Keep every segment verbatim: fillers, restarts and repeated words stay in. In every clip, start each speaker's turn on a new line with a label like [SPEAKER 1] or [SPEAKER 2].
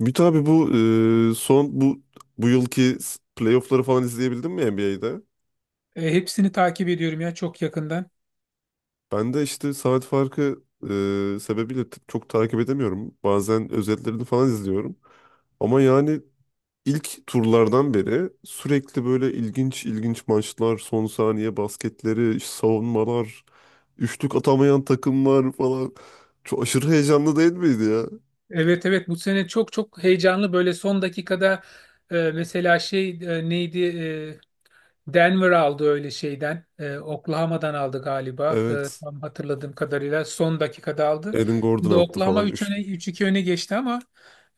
[SPEAKER 1] Ümit abi, bu e, son bu bu yılki s- playoff'ları falan izleyebildin mi N B A'de?
[SPEAKER 2] E, hepsini takip ediyorum ya, çok yakından.
[SPEAKER 1] Ben de işte saat farkı e, sebebiyle t- çok takip edemiyorum. Bazen özetlerini falan izliyorum. Ama yani ilk turlardan beri sürekli böyle ilginç ilginç maçlar, son saniye basketleri, savunmalar, üçlük atamayan takımlar falan. Çok aşırı heyecanlı değil miydi ya?
[SPEAKER 2] Evet, evet, bu sene çok çok heyecanlı, böyle son dakikada e, mesela şey e, neydi e, Denver aldı öyle şeyden. E, Oklahoma'dan aldı galiba. E,
[SPEAKER 1] Evet.
[SPEAKER 2] tam hatırladığım kadarıyla son dakikada aldı.
[SPEAKER 1] Aaron
[SPEAKER 2] Şimdi
[SPEAKER 1] Gordon attı
[SPEAKER 2] Oklahoma
[SPEAKER 1] falan
[SPEAKER 2] üç öne
[SPEAKER 1] üçlük.
[SPEAKER 2] üç iki öne geçti ama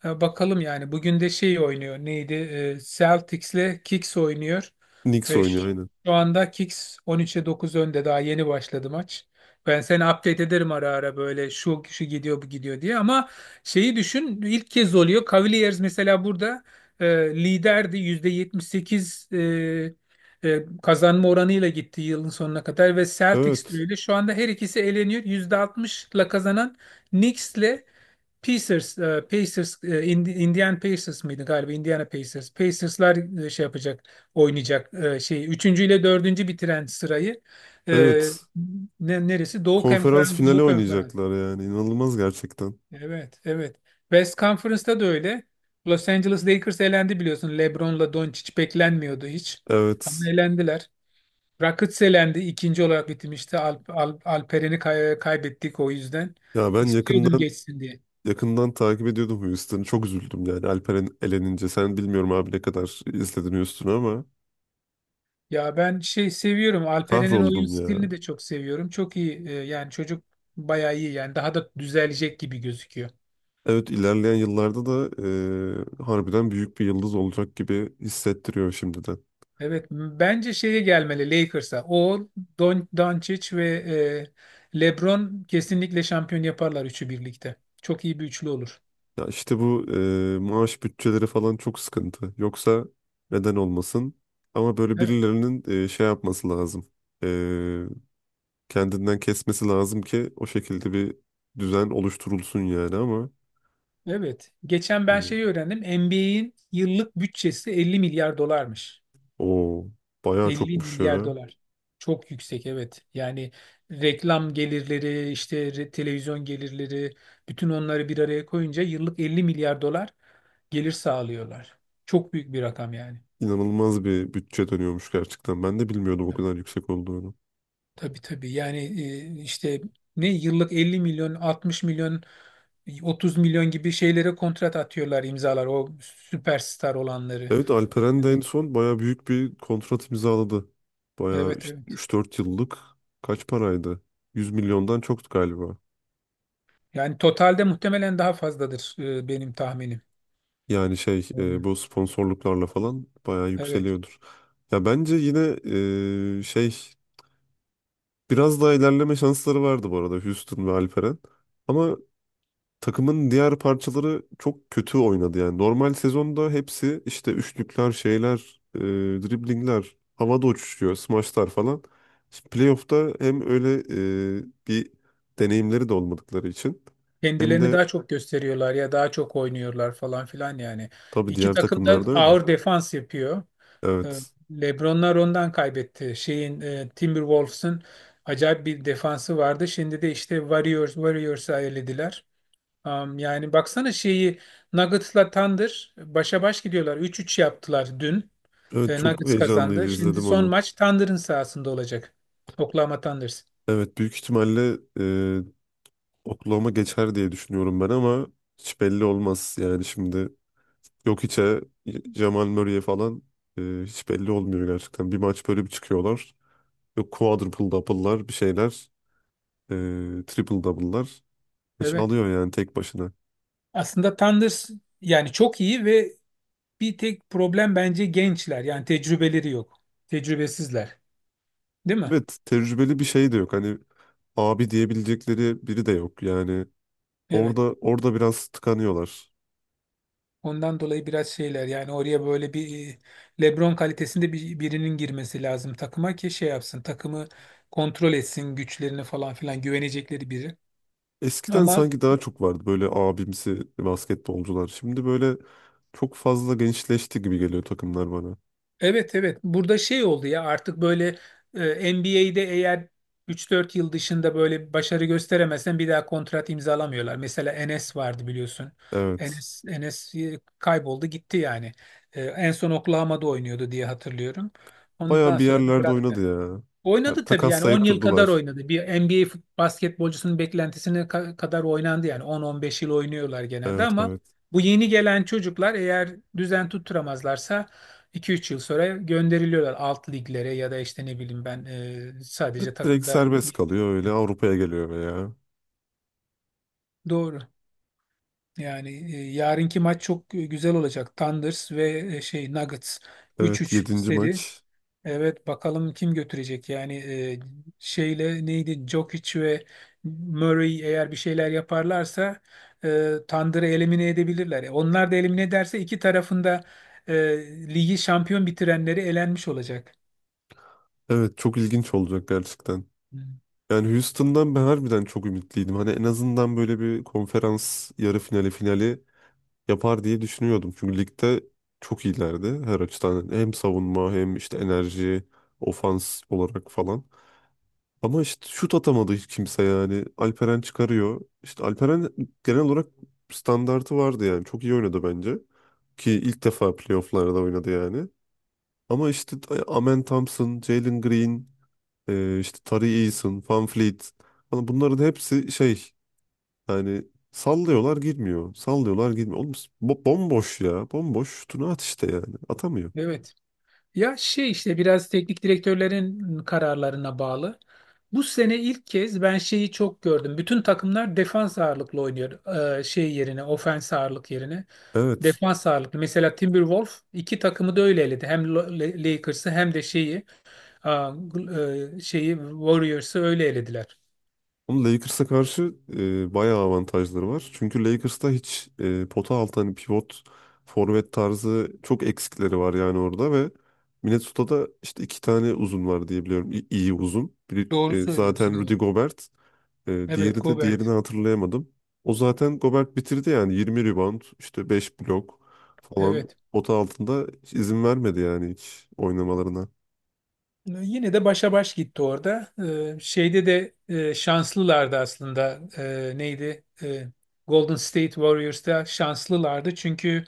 [SPEAKER 2] e, bakalım yani. Bugün de şey oynuyor. Neydi? E, Celtics'le Kicks oynuyor.
[SPEAKER 1] Knicks
[SPEAKER 2] Ve
[SPEAKER 1] oynuyor
[SPEAKER 2] ş-
[SPEAKER 1] aynen.
[SPEAKER 2] şu anda Kicks on üçe dokuz önde. Daha yeni başladı maç. Ben seni update ederim ara ara, böyle şu kişi gidiyor bu gidiyor diye, ama şeyi düşün, ilk kez oluyor. Cavaliers mesela burada e, liderdi, yüzde yetmiş sekiz e, e, kazanma oranıyla gitti yılın sonuna kadar, ve Celtics de
[SPEAKER 1] Evet.
[SPEAKER 2] öyle. Şu anda her ikisi eleniyor. yüzde altmışla kazanan Knicks'le Pacers, e, Pacers, e, Ind- Indiana Pacers mıydı galiba? Indiana Pacers. Pacers'lar e, şey yapacak, oynayacak e, şey. Üçüncü ile dördüncü bitiren sırayı. e,
[SPEAKER 1] Evet.
[SPEAKER 2] ne- Neresi? Doğu
[SPEAKER 1] Konferans
[SPEAKER 2] Konferans,
[SPEAKER 1] finali
[SPEAKER 2] Doğu Konferans.
[SPEAKER 1] oynayacaklar yani. İnanılmaz gerçekten.
[SPEAKER 2] Evet, evet. West Conference'da da öyle. Los Angeles Lakers elendi biliyorsun. LeBron'la Doncic beklenmiyordu hiç. Ama
[SPEAKER 1] Evet.
[SPEAKER 2] elendiler. Rakitic elendi, ikinci olarak bitirmişti. Alp, Alp- Alperen'i kay- kaybettik o yüzden.
[SPEAKER 1] Ya ben
[SPEAKER 2] İstiyordum
[SPEAKER 1] yakından
[SPEAKER 2] geçsin diye.
[SPEAKER 1] yakından takip ediyordum Houston'ı. Çok üzüldüm yani Alperen elenince. Sen bilmiyorum abi ne kadar izledin Houston'ı ama
[SPEAKER 2] Ya ben şey seviyorum. Alperen'in oyun
[SPEAKER 1] kahroldum ya.
[SPEAKER 2] stilini de çok seviyorum. Çok iyi. e, Yani çocuk bayağı iyi. Yani daha da düzelecek gibi gözüküyor.
[SPEAKER 1] Evet, ilerleyen yıllarda da e, harbiden büyük bir yıldız olacak gibi hissettiriyor şimdiden.
[SPEAKER 2] Evet. m- Bence şeye gelmeli, Lakers'a. O, Don, Doncic ve e, LeBron kesinlikle şampiyon yaparlar üçü birlikte. Çok iyi bir üçlü olur.
[SPEAKER 1] Ya işte bu e, maaş bütçeleri falan çok sıkıntı. Yoksa neden olmasın? Ama böyle
[SPEAKER 2] Evet.
[SPEAKER 1] birilerinin e, şey yapması lazım. Kendinden kesmesi lazım ki o şekilde bir düzen oluşturulsun yani, ama
[SPEAKER 2] Evet. Geçen ben şeyi
[SPEAKER 1] e,
[SPEAKER 2] öğrendim. N B A'in yıllık bütçesi elli milyar dolarmış.
[SPEAKER 1] o bayağı
[SPEAKER 2] elli
[SPEAKER 1] çokmuş
[SPEAKER 2] milyar
[SPEAKER 1] ya.
[SPEAKER 2] dolar. Çok yüksek, evet. Yani reklam gelirleri, işte re- televizyon gelirleri, bütün onları bir araya koyunca yıllık elli milyar dolar gelir sağlıyorlar. Çok büyük bir rakam yani.
[SPEAKER 1] İnanılmaz bir bütçe dönüyormuş gerçekten. Ben de bilmiyordum o
[SPEAKER 2] Ha,
[SPEAKER 1] kadar yüksek olduğunu.
[SPEAKER 2] tabii, tabii. Yani e, işte ne, yıllık elli milyon, altmış milyon, otuz milyon gibi şeylere kontrat atıyorlar, imzalar o süperstar olanları.
[SPEAKER 1] Evet, Alperen de en
[SPEAKER 2] Hani
[SPEAKER 1] son bayağı büyük bir kontrat imzaladı. Bayağı
[SPEAKER 2] evet,
[SPEAKER 1] işte
[SPEAKER 2] evet.
[SPEAKER 1] üç dört yıllık, kaç paraydı? Yüz milyondan çoktu galiba.
[SPEAKER 2] Yani totalde muhtemelen daha fazladır, e, benim tahminim.
[SPEAKER 1] Yani şey
[SPEAKER 2] Hmm.
[SPEAKER 1] e, bu sponsorluklarla falan bayağı
[SPEAKER 2] Evet.
[SPEAKER 1] yükseliyordur. Ya bence yine e, şey biraz daha ilerleme şansları vardı bu arada Houston ve Alperen. Ama takımın diğer parçaları çok kötü oynadı yani. Normal sezonda hepsi işte üçlükler, şeyler, e, driblingler, havada uçuşuyor, smaçlar falan. Şimdi playoff'ta hem öyle e, bir deneyimleri de olmadıkları için hem
[SPEAKER 2] Kendilerini
[SPEAKER 1] de
[SPEAKER 2] daha çok gösteriyorlar ya, daha çok oynuyorlar falan filan yani.
[SPEAKER 1] tabii
[SPEAKER 2] İki
[SPEAKER 1] diğer
[SPEAKER 2] takım da
[SPEAKER 1] takımlarda öyle.
[SPEAKER 2] ağır defans yapıyor. Ee,
[SPEAKER 1] Evet.
[SPEAKER 2] LeBronlar ondan kaybetti. Şeyin e, Timberwolves'ın acayip bir defansı vardı. Şimdi de işte Warriors Warriors'a elediler. Am, yani baksana şeyi, Nuggets'la Thunder başa baş gidiyorlar. üç üç yaptılar dün.
[SPEAKER 1] Evet,
[SPEAKER 2] E,
[SPEAKER 1] çok
[SPEAKER 2] Nuggets
[SPEAKER 1] heyecanlıydı,
[SPEAKER 2] kazandı. Şimdi
[SPEAKER 1] izledim
[SPEAKER 2] son
[SPEAKER 1] onu.
[SPEAKER 2] maç Thunder'ın sahasında olacak. Oklahoma Thunders.
[SPEAKER 1] Evet, büyük ihtimalle e, Oklahoma geçer diye düşünüyorum ben, ama hiç belli olmaz yani şimdi. Yok içe Jamal Murray'e falan, e, hiç belli olmuyor gerçekten. Bir maç böyle bir çıkıyorlar. Yok quadruple double'lar, bir şeyler. E, triple double'lar. Maçı
[SPEAKER 2] Evet.
[SPEAKER 1] alıyor yani tek başına.
[SPEAKER 2] Aslında Thunder yani çok iyi, ve bir tek problem bence gençler. Yani tecrübeleri yok. Tecrübesizler. Değil mi?
[SPEAKER 1] Evet, tecrübeli bir şey de yok. Hani abi diyebilecekleri biri de yok. Yani orada
[SPEAKER 2] Evet.
[SPEAKER 1] orada biraz tıkanıyorlar.
[SPEAKER 2] Ondan dolayı biraz şeyler yani, oraya böyle bir e, LeBron kalitesinde bir, birinin girmesi lazım takıma, ki şey yapsın takımı, kontrol etsin güçlerini falan filan, güvenecekleri biri.
[SPEAKER 1] Eskiden
[SPEAKER 2] Ama
[SPEAKER 1] sanki daha çok vardı böyle abimsi basketbolcular. Şimdi böyle çok fazla gençleşti gibi geliyor takımlar bana.
[SPEAKER 2] evet, evet, burada şey oldu ya, artık böyle e, N B A'de eğer üç dört yıl dışında böyle bir başarı gösteremezsen bir daha kontrat imzalamıyorlar. Mesela Enes vardı biliyorsun.
[SPEAKER 1] Evet.
[SPEAKER 2] Enes Enes e, kayboldu gitti yani. E, en son Oklahoma'da oynuyordu diye hatırlıyorum.
[SPEAKER 1] Bayağı
[SPEAKER 2] Ondan
[SPEAKER 1] bir
[SPEAKER 2] sonra da
[SPEAKER 1] yerlerde oynadı
[SPEAKER 2] bıraktı.
[SPEAKER 1] ya. Ha,
[SPEAKER 2] Oynadı tabii, yani on
[SPEAKER 1] takaslayıp
[SPEAKER 2] yıl kadar
[SPEAKER 1] durdular.
[SPEAKER 2] oynadı. Bir N B A fut- basketbolcusunun beklentisine ka- kadar oynandı yani, on on beş yıl oynuyorlar genelde,
[SPEAKER 1] Evet,
[SPEAKER 2] ama
[SPEAKER 1] evet.
[SPEAKER 2] bu yeni gelen çocuklar eğer düzen tutturamazlarsa iki üç yıl sonra gönderiliyorlar alt liglere, ya da işte ne bileyim ben, e,
[SPEAKER 1] Di-
[SPEAKER 2] sadece
[SPEAKER 1] Direkt
[SPEAKER 2] takımda
[SPEAKER 1] serbest kalıyor, öyle Avrupa'ya geliyor veya.
[SPEAKER 2] Doğru. Yani e, yarınki maç çok e, güzel olacak. Thunders ve e, şey Nuggets,
[SPEAKER 1] Evet,
[SPEAKER 2] üç üç
[SPEAKER 1] yedinci
[SPEAKER 2] seri.
[SPEAKER 1] maç.
[SPEAKER 2] Evet, bakalım kim götürecek yani, e, şeyle neydi, Djokic ve Murray eğer bir şeyler yaparlarsa e, Thunder'ı elimine edebilirler. E, Onlar da elimine ederse iki tarafında e, ligi şampiyon bitirenleri elenmiş olacak.
[SPEAKER 1] Evet, çok ilginç olacak gerçekten.
[SPEAKER 2] Hı.
[SPEAKER 1] Yani Houston'dan ben harbiden çok ümitliydim. Hani en azından böyle bir konferans yarı finali finali yapar diye düşünüyordum. Çünkü ligde çok iyilerdi her açıdan. Hem savunma hem işte enerji, ofans olarak falan. Ama işte şut atamadı hiç kimse yani. Alperen çıkarıyor. İşte Alperen genel olarak standartı vardı yani. Çok iyi oynadı bence. Ki ilk defa playofflarda oynadı yani. Ama işte Amen Thompson, Jalen Green, e, işte Tari Eason, Van Fleet. Hani bunların hepsi şey, yani sallıyorlar girmiyor. Sallıyorlar girmiyor. Oğlum, bo- bomboş ya. Bomboş şutunu at işte yani. Atamıyor.
[SPEAKER 2] Evet. Ya şey, işte biraz teknik direktörlerin kararlarına bağlı. Bu sene ilk kez ben şeyi çok gördüm. Bütün takımlar defans ağırlıklı oynuyor. Ee, şey yerine, ofens ağırlık yerine.
[SPEAKER 1] Evet.
[SPEAKER 2] Defans ağırlıklı. Mesela Timberwolves iki takımı da öyle eledi. Hem Lo- Le- Lakers'ı, hem de şeyi, aa, gl- e, şeyi Warriors'ı öyle elediler.
[SPEAKER 1] Ama Lakers'a karşı e, bayağı avantajları var. Çünkü Lakers'ta hiç e, pota altı, hani pivot, forvet tarzı çok eksikleri var yani orada ve Minnesota'da işte iki tane uzun var diye biliyorum. İ- iyi uzun. Biri
[SPEAKER 2] Doğru
[SPEAKER 1] e,
[SPEAKER 2] söylüyorsun,
[SPEAKER 1] zaten Rudy
[SPEAKER 2] evet.
[SPEAKER 1] Gobert. E,
[SPEAKER 2] Evet,
[SPEAKER 1] diğeri de diğerini
[SPEAKER 2] Gobert.
[SPEAKER 1] hatırlayamadım. O zaten Gobert bitirdi yani yirmi rebound, işte beş blok falan,
[SPEAKER 2] Evet.
[SPEAKER 1] pota altında hiç izin vermedi yani hiç oynamalarına.
[SPEAKER 2] Ee, Yine de başa baş gitti orada. Ee, şeyde de e, şanslılardı aslında. Ee, neydi? Ee, Golden State Warriors'ta şanslılardı. Çünkü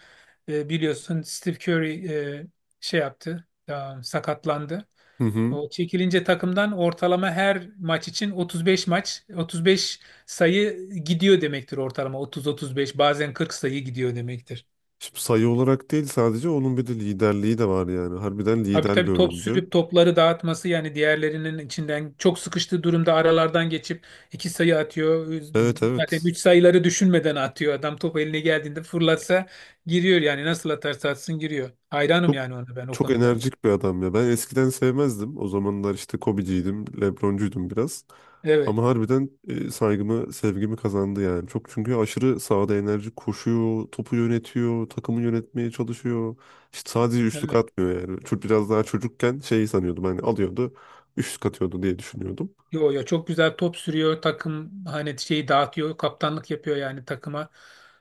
[SPEAKER 2] e, biliyorsun Steve Curry e, şey yaptı. E, sakatlandı.
[SPEAKER 1] Hı hı.
[SPEAKER 2] O çekilince takımdan ortalama her maç için otuz beş maç, otuz beş sayı gidiyor demektir ortalama. otuz otuz beş, bazen kırk sayı gidiyor demektir.
[SPEAKER 1] Şimdi sayı olarak değil, sadece onun bir de liderliği de var yani. Harbiden
[SPEAKER 2] Tabii,
[SPEAKER 1] lider bir
[SPEAKER 2] tabii, top
[SPEAKER 1] oyuncu.
[SPEAKER 2] sürüp topları dağıtması yani, diğerlerinin içinden çok sıkıştığı durumda aralardan geçip iki sayı atıyor.
[SPEAKER 1] Evet,
[SPEAKER 2] Zaten
[SPEAKER 1] evet.
[SPEAKER 2] üç sayıları düşünmeden atıyor. Adam top eline geldiğinde fırlatsa giriyor yani, nasıl atarsa atsın giriyor. Hayranım
[SPEAKER 1] Çok
[SPEAKER 2] yani ona, ben o
[SPEAKER 1] çok
[SPEAKER 2] konuda.
[SPEAKER 1] enerjik bir adam ya. Ben eskiden sevmezdim. O zamanlar işte Kobe'ciydim, LeBron'cuydum biraz.
[SPEAKER 2] Evet.
[SPEAKER 1] Ama harbiden e, saygımı, sevgimi kazandı yani. Çok, çünkü aşırı sahada enerji koşuyor, topu yönetiyor, takımı yönetmeye çalışıyor. İşte sadece üçlük
[SPEAKER 2] Evet.
[SPEAKER 1] atmıyor yani. Çok biraz daha çocukken şeyi sanıyordum, hani alıyordu, üçlük atıyordu diye düşünüyordum.
[SPEAKER 2] Yo, yo, çok güzel top sürüyor takım, hani şeyi dağıtıyor, kaptanlık yapıyor yani takıma.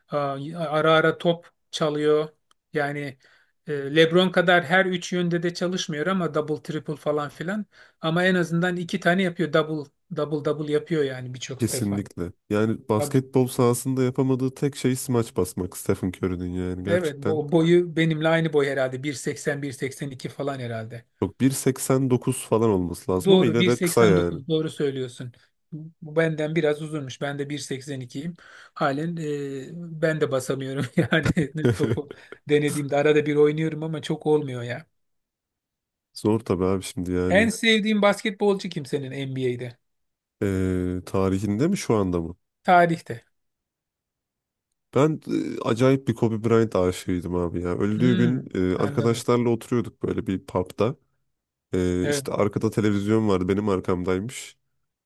[SPEAKER 2] Aa, ara ara top çalıyor yani, e, LeBron kadar her üç yönde de çalışmıyor ama double triple falan filan, ama en azından iki tane yapıyor, double double double yapıyor yani birçok defa.
[SPEAKER 1] Kesinlikle. Yani
[SPEAKER 2] Tabii.
[SPEAKER 1] basketbol sahasında yapamadığı tek şey smaç basmak Stephen Curry'nin yani
[SPEAKER 2] Evet,
[SPEAKER 1] gerçekten.
[SPEAKER 2] bo- boyu benimle aynı boy herhalde, bir seksen bir seksen iki falan herhalde.
[SPEAKER 1] Yok, bir seksen dokuz falan olması lazım ama
[SPEAKER 2] Doğru,
[SPEAKER 1] yine de kısa yani.
[SPEAKER 2] bir seksen dokuz, doğru söylüyorsun. Bu benden biraz uzunmuş. Ben de bir seksen ikiyim. Halen e, ben de basamıyorum yani, topu denediğimde arada bir oynuyorum ama çok olmuyor ya.
[SPEAKER 1] Zor tabii abi şimdi
[SPEAKER 2] En
[SPEAKER 1] yani.
[SPEAKER 2] sevdiğim basketbolcu kim senin N B A'de?
[SPEAKER 1] Ee, tarihinde mi, şu anda mı?
[SPEAKER 2] Tarihte.
[SPEAKER 1] Ben e, acayip bir Kobe Bryant aşığıydım abi ya. Öldüğü gün
[SPEAKER 2] Hmm,
[SPEAKER 1] e,
[SPEAKER 2] anladım.
[SPEAKER 1] arkadaşlarla oturuyorduk böyle bir pub'da. Ee,
[SPEAKER 2] Evet.
[SPEAKER 1] işte arkada televizyon vardı, benim arkamdaymış.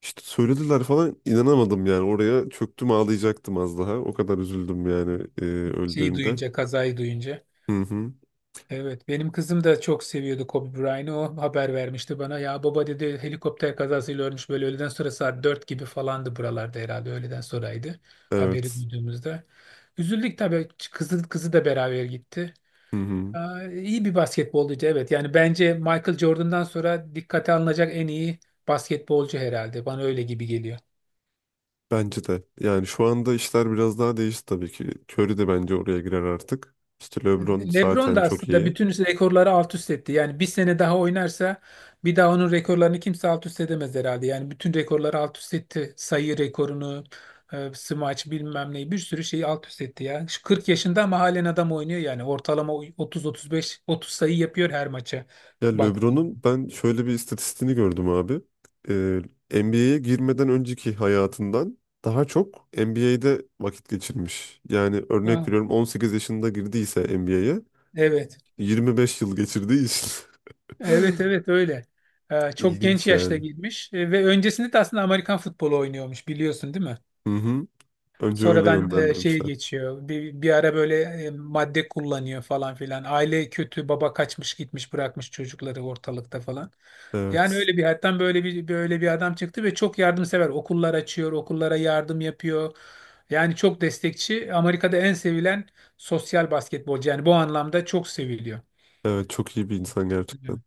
[SPEAKER 1] İşte söylediler falan, inanamadım yani, oraya çöktüm, ağlayacaktım az daha. O kadar üzüldüm yani e,
[SPEAKER 2] Şeyi
[SPEAKER 1] öldüğünde.
[SPEAKER 2] duyunca, kazayı duyunca.
[SPEAKER 1] Hı hı.
[SPEAKER 2] Evet, benim kızım da çok seviyordu Kobe Bryant'ı. O haber vermişti bana. Ya baba dedi, helikopter kazasıyla ölmüş, böyle öğleden sonra saat dört gibi falandı buralarda, herhalde öğleden sonraydı, haberi
[SPEAKER 1] Evet.
[SPEAKER 2] duyduğumuzda. Üzüldük tabii. Kızı, kızı da beraber gitti.
[SPEAKER 1] Hı hı.
[SPEAKER 2] Aa, iyi bir basketbolcuydu, evet. Yani bence Michael Jordan'dan sonra dikkate alınacak en iyi basketbolcu herhalde. Bana öyle gibi geliyor.
[SPEAKER 1] Bence de. Yani şu anda işler biraz daha değişti tabii ki. Curry de bence oraya girer artık. İşte LeBron
[SPEAKER 2] LeBron
[SPEAKER 1] zaten
[SPEAKER 2] da
[SPEAKER 1] çok
[SPEAKER 2] aslında
[SPEAKER 1] iyi.
[SPEAKER 2] bütün rekorları alt üst etti. Yani bir sene daha oynarsa, bir daha onun rekorlarını kimse alt üst edemez herhalde. Yani bütün rekorları alt üst etti. Sayı rekorunu, e, smaç bilmem neyi, bir sürü şeyi alt üst etti ya. Şu kırk yaşında ama halen adam oynuyor yani. Ortalama otuz otuz beş, otuz sayı yapıyor her maça.
[SPEAKER 1] Ya
[SPEAKER 2] Baktın.
[SPEAKER 1] LeBron'un ben şöyle bir istatistiğini gördüm abi. Ee, N B A'ye girmeden önceki hayatından daha çok N B A'de vakit geçirmiş. Yani örnek
[SPEAKER 2] Ha,
[SPEAKER 1] veriyorum, on sekiz yaşında girdiyse N B A'ye,
[SPEAKER 2] evet.
[SPEAKER 1] yirmi beş yıl geçirdiği için.
[SPEAKER 2] Evet, evet, öyle. E, Çok genç
[SPEAKER 1] İlginç
[SPEAKER 2] yaşta
[SPEAKER 1] yani.
[SPEAKER 2] girmiş. E, ve öncesinde de aslında Amerikan futbolu oynuyormuş, biliyorsun değil mi?
[SPEAKER 1] Hı hı. Önce öyle
[SPEAKER 2] Sonradan e, şeye
[SPEAKER 1] yönlendirmişler.
[SPEAKER 2] geçiyor. Bir, bir ara böyle e, madde kullanıyor falan filan. Aile kötü, baba kaçmış gitmiş, bırakmış çocukları ortalıkta falan. Yani
[SPEAKER 1] Evet.
[SPEAKER 2] öyle bir hayattan böyle bir böyle bir adam çıktı, ve çok yardımsever. Okullar açıyor, okullara yardım yapıyor. Yani çok destekçi. Amerika'da en sevilen sosyal basketbolcu. Yani bu anlamda çok seviliyor.
[SPEAKER 1] Evet, çok iyi bir insan gerçekten.
[SPEAKER 2] Hı.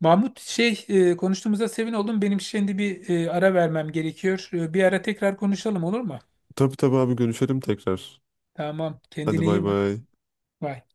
[SPEAKER 2] Mahmut, şey, e, konuştuğumuza sevin oldum. Benim şimdi bir e, ara vermem gerekiyor. E, Bir ara tekrar konuşalım, olur mu?
[SPEAKER 1] Tabii, tabii abi, görüşelim tekrar.
[SPEAKER 2] Tamam.
[SPEAKER 1] Hadi,
[SPEAKER 2] Kendine
[SPEAKER 1] bay
[SPEAKER 2] iyi bak.
[SPEAKER 1] bay.
[SPEAKER 2] Bye.